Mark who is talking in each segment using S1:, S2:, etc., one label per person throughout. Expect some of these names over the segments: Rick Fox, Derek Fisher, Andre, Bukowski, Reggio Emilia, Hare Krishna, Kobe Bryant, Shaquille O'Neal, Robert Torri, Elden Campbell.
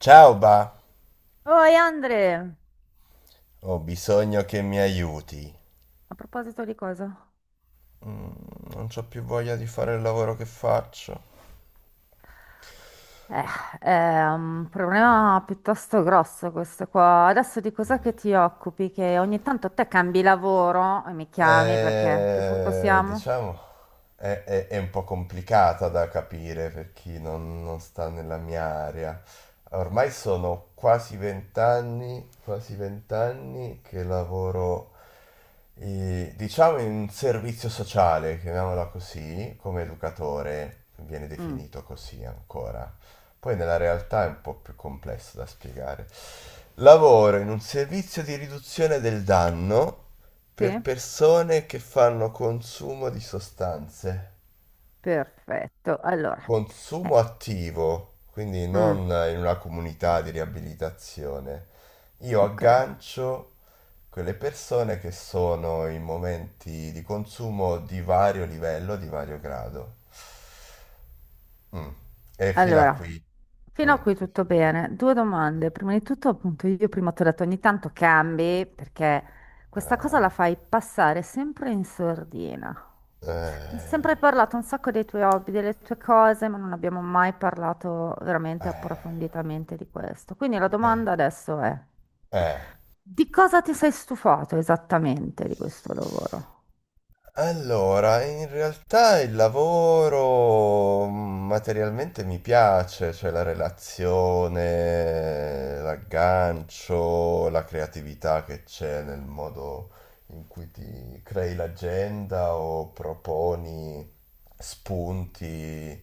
S1: Ciao ba,
S2: Oi Andre,
S1: ho bisogno che mi aiuti.
S2: a proposito di cosa?
S1: Per il lavoro che ho.
S2: Eh, è un problema piuttosto grosso questo qua. Adesso di cos'è che ti occupi? Che ogni tanto te cambi lavoro e mi chiami perché a che punto siamo?
S1: Diciamo, è un po' complicata da capire per chi non sta nella mia area. Ormai sono quasi vent'anni che lavoro, diciamo, in un servizio sociale, chiamiamola così, come educatore, viene
S2: Mm,
S1: definito così ancora. Poi nella realtà è un po' più complesso da spiegare. Lavoro in un servizio di riduzione del danno
S2: sì,
S1: per persone che fanno consumo di sostanze.
S2: perfetto. Allora,
S1: Consumo
S2: eh,
S1: attivo, quindi non
S2: mm,
S1: in una comunità di riabilitazione. Io
S2: ok.
S1: aggancio quelle persone che sono in momenti di consumo di vario livello, di vario grado. Mm. E fino a
S2: Allora,
S1: qui.
S2: fino
S1: Mm.
S2: a qui
S1: E
S2: tutto
S1: fino a qui.
S2: bene. Due domande. Prima di tutto, appunto, io prima ti ho detto ogni tanto cambi perché questa cosa la fai passare sempre in sordina.
S1: Eh,
S2: Mi è sempre
S1: eh,
S2: parlato un sacco dei tuoi hobby, delle tue cose, ma non abbiamo mai parlato veramente approfonditamente di questo. Quindi la
S1: eh,
S2: domanda adesso è,
S1: eh.
S2: di cosa ti sei stufato esattamente di questo lavoro?
S1: Allora, in realtà il lavoro materialmente mi piace, cioè la relazione, l'aggancio, la creatività che c'è nel modo in cui ti crei l'agenda o proponi spunti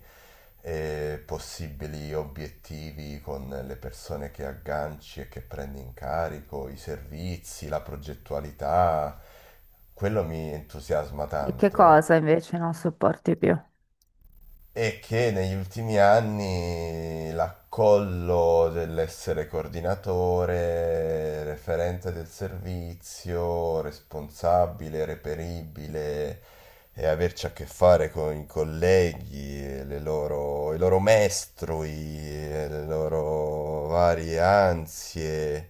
S1: e possibili obiettivi con le persone che agganci e che prendi in carico, i servizi, la progettualità. Quello mi entusiasma
S2: E che
S1: tanto
S2: cosa invece non sopporti più?
S1: e che negli ultimi anni l'accollo dell'essere coordinatore, referente del servizio, responsabile, reperibile e averci a che fare con i colleghi, e le loro, i loro mestrui, e le loro varie ansie,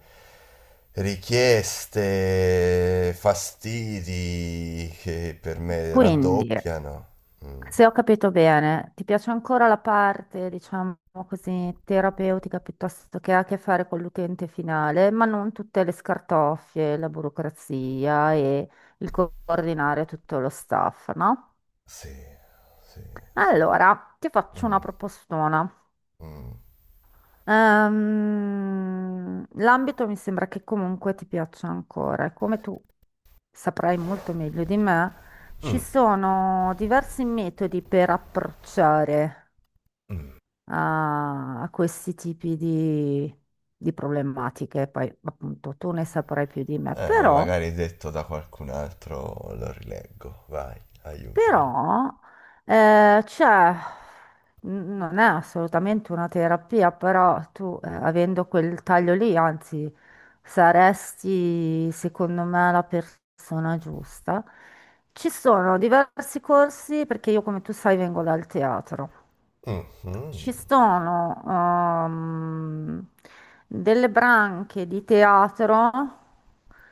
S1: richieste, fastidi che per me
S2: Quindi...
S1: raddoppiano. Mm,
S2: Se ho capito bene, ti piace ancora la parte, diciamo così, terapeutica piuttosto che ha a che fare con l'utente finale, ma non tutte le scartoffie, la burocrazia e il coordinare tutto lo staff, no?
S1: sì. Sì, sì.
S2: Allora, ti faccio una
S1: Mm,
S2: propostona.
S1: mm,
S2: L'ambito mi sembra che comunque ti piaccia ancora, e come tu saprai molto meglio di me, ci
S1: mm,
S2: sono diversi metodi per approcciare
S1: mm.
S2: a questi tipi di problematiche. Poi, appunto, tu ne saprai più di me,
S1: Ma
S2: però,
S1: magari detto da qualcun altro lo rileggo. Vai, aiutami.
S2: però, cioè, non è assolutamente una terapia, però tu, avendo quel taglio lì, anzi, saresti, secondo me, la persona giusta. Ci sono diversi corsi, perché io, come tu sai, vengo dal teatro.
S1: Mhm,
S2: Ci sono delle branche di teatro,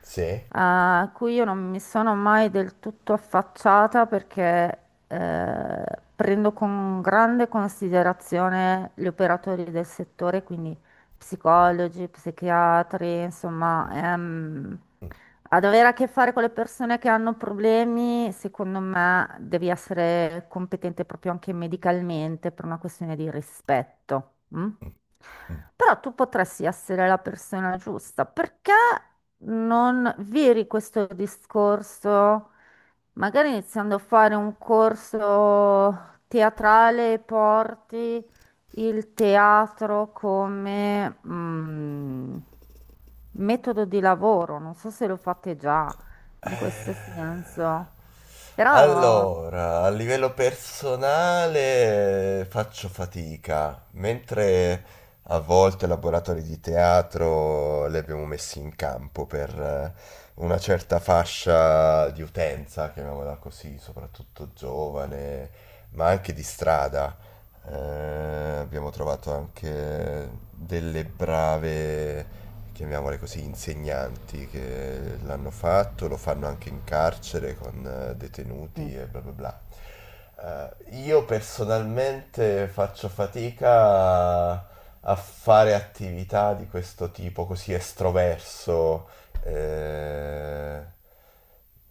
S1: sì.
S2: a cui io non mi sono mai del tutto affacciata perché eh, prendo con grande considerazione gli operatori del settore, quindi
S1: Mm,
S2: psicologi, psichiatri, insomma,
S1: mm,
S2: ad avere a che fare con le persone che hanno problemi, secondo me devi essere competente proprio anche medicalmente per una questione di rispetto. Mm?
S1: mm, mm, mm.
S2: Però tu potresti essere la persona giusta. Perché non viri questo discorso, magari iniziando a fare un corso teatrale, porti il teatro come metodo di lavoro, non so se lo fate già in questo
S1: Eh,
S2: senso, però,
S1: Allora, a livello personale faccio fatica, mentre a volte laboratori di teatro li abbiamo messi in campo per una certa fascia di utenza, chiamiamola così, soprattutto giovane, ma anche di strada. Abbiamo trovato anche delle brave, chiamiamole così, insegnanti che l'hanno fatto, lo fanno anche in carcere con detenuti
S2: sì.
S1: e bla bla bla. Io personalmente faccio fatica a, a fare attività di questo tipo così estroverso. eh,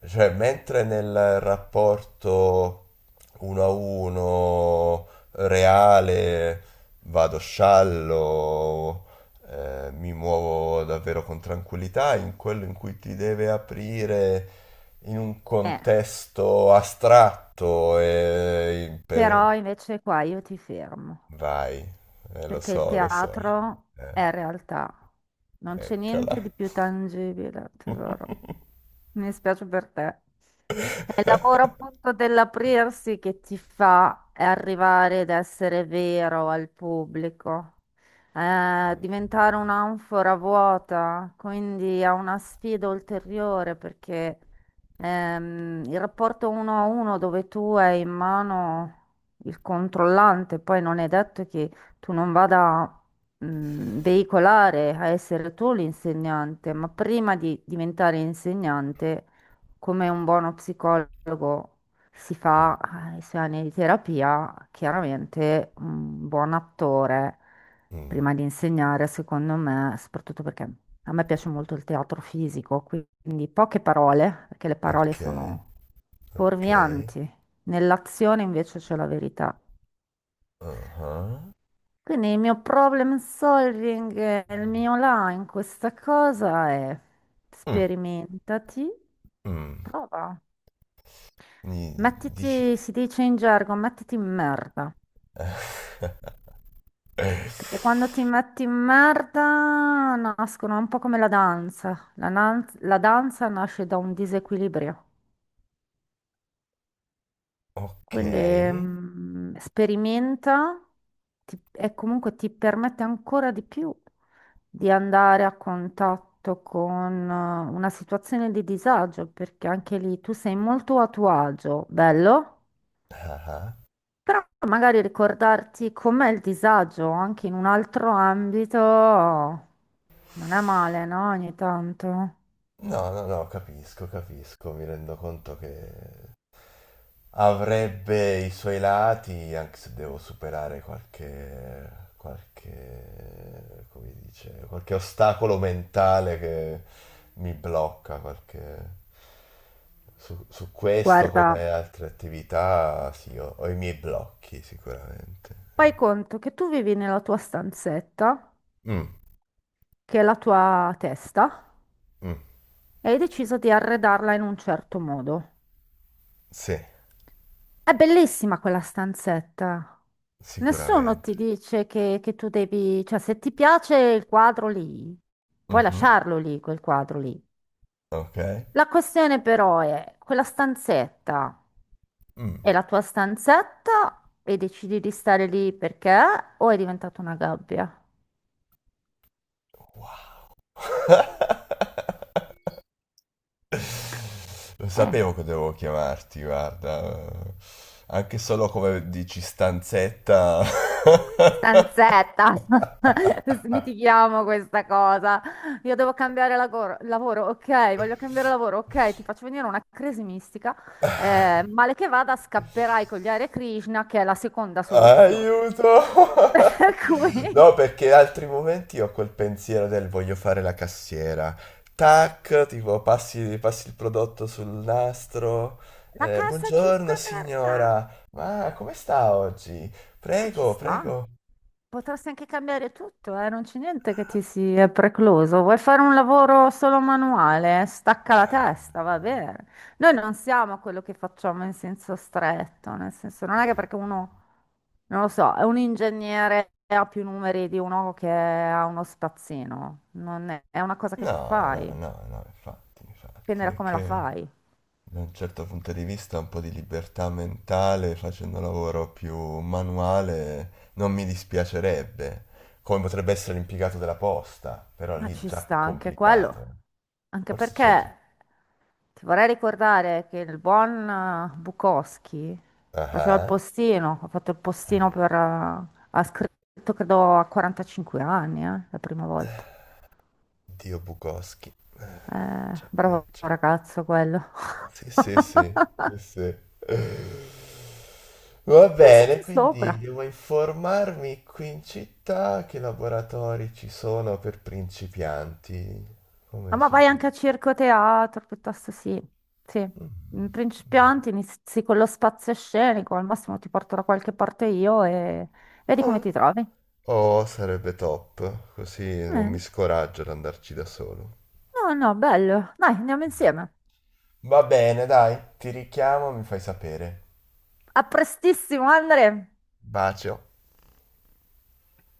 S1: cioè, mentre nel rapporto uno a uno reale, vado sciallo, mi muovo davvero con tranquillità, in quello in cui ti deve aprire in un
S2: Eh,
S1: contesto astratto.
S2: però invece qua io ti fermo,
S1: Vai, lo
S2: perché il
S1: so, lo so.
S2: teatro
S1: Eh,
S2: è realtà, non c'è niente
S1: eccola.
S2: di più tangibile, tesoro. Mi spiace per te. È il lavoro appunto dell'aprirsi che ti fa arrivare ad essere vero al pubblico, diventare un'anfora vuota, quindi è una sfida ulteriore perché il rapporto uno a uno dove tu hai in mano il controllante, poi non è detto che tu non vada veicolare a essere tu l'insegnante, ma prima di diventare insegnante, come un buono psicologo si
S1: Mm,
S2: fa, i suoi anni di terapia, chiaramente un buon attore
S1: mm,
S2: prima di insegnare, secondo me, soprattutto perché a me piace molto il teatro fisico, quindi poche parole, perché le parole
S1: ok,
S2: sono
S1: ok,
S2: fuorvianti. Nell'azione invece c'è la verità.
S1: uh-huh.
S2: Quindi il mio problem solving, il mio là in questa cosa è
S1: Mm,
S2: sperimentati,
S1: mm,
S2: prova.
S1: mi dici...
S2: Mettiti, si dice in gergo, mettiti in merda. Perché quando ti metti in merda nascono un po' come la danza. La danza nasce da un disequilibrio.
S1: Ok.
S2: Quindi sperimenta, e comunque ti permette ancora di più di andare a contatto con, una situazione di disagio, perché anche lì tu sei molto a tuo agio, bello,
S1: Ah ah.
S2: però magari ricordarti com'è il disagio anche in un altro ambito non è male, no? Ogni tanto.
S1: No, no, no, capisco, capisco, mi rendo conto che avrebbe i suoi lati, anche se devo superare qualche, come si dice, qualche ostacolo mentale che mi blocca, qualche... Su questo, come
S2: Guarda,
S1: altre attività, sì, ho i miei blocchi sicuramente. Sì.
S2: fai conto che tu vivi nella tua stanzetta,
S1: Mm,
S2: che è la tua testa,
S1: mm,
S2: e hai deciso di arredarla in un certo modo.
S1: sì,
S2: È bellissima quella stanzetta. Nessuno
S1: sicuramente.
S2: ti dice che tu devi, cioè se ti piace il quadro lì, puoi
S1: Mhm,
S2: lasciarlo lì, quel quadro lì.
S1: ok.
S2: La questione però è, quella stanzetta
S1: Mm.
S2: è la tua stanzetta e decidi di stare lì perché o è diventata una gabbia?
S1: Wow. Lo
S2: Eh.
S1: sapevo che dovevo chiamarti, guarda. Anche solo come dici stanzetta.
S2: Stanzetta, smitichiamo questa cosa. Io devo cambiare lavoro, ok, voglio cambiare lavoro, ok, ti faccio venire una crisi mistica. Male che vada, scapperai con gli Hare Krishna, che è la seconda soluzione.
S1: Aiuto!
S2: Per cui
S1: No, perché altri momenti ho quel pensiero del voglio fare la cassiera. Tac, tipo passi, passi il prodotto sul nastro.
S2: la cassa 5
S1: Buongiorno
S2: è aperta.
S1: signora, ma come sta oggi?
S2: Ma ci
S1: Prego,
S2: sta.
S1: prego.
S2: Potresti anche cambiare tutto, eh? Non c'è niente che ti sia precluso. Vuoi fare un lavoro solo manuale? Stacca la testa, va bene. Noi non siamo quello che facciamo in senso stretto, nel senso non è che perché uno, non lo so, è un ingegnere e ha più numeri di uno che ha uno spazzino. Non è, è una cosa che tu
S1: No, no,
S2: fai,
S1: no, no, infatti,
S2: dipende
S1: infatti,
S2: da
S1: è
S2: come la
S1: che
S2: fai.
S1: da un certo punto di vista un po' di libertà mentale facendo un lavoro più manuale non mi dispiacerebbe, come potrebbe essere l'impiegato della posta, però
S2: Ma
S1: lì
S2: ci
S1: già più
S2: sta anche quello,
S1: complicato.
S2: anche
S1: Forse c'entri...
S2: perché ti vorrei ricordare che il buon, Bukowski
S1: Ah,
S2: faceva il
S1: ah.
S2: postino, ha fatto il postino
S1: Eh,
S2: ha scritto credo a 45 anni, la prima volta.
S1: Dio Bukowski. Eh,
S2: Eh,
S1: già,
S2: bravo
S1: già.
S2: ragazzo quello.
S1: Sì, sì, sì, sì, sì. Va bene,
S2: Pensaci
S1: quindi
S2: sopra.
S1: devo informarmi qui in città che laboratori ci sono per principianti,
S2: Ah,
S1: come
S2: ma vai
S1: suggerito.
S2: anche a circo teatro, piuttosto sì. Sì,
S1: Mm.
S2: in principianti inizi con lo spazio scenico, al massimo ti porto da qualche parte io e... vedi come
S1: Mm.
S2: ti trovi.
S1: Oh, sarebbe top, così non
S2: Eh,
S1: mi scoraggio ad andarci da solo.
S2: No, no, bello. Dai, andiamo insieme.
S1: Va bene, dai, ti richiamo, mi fai sapere.
S2: A prestissimo, Andre.
S1: Bacio.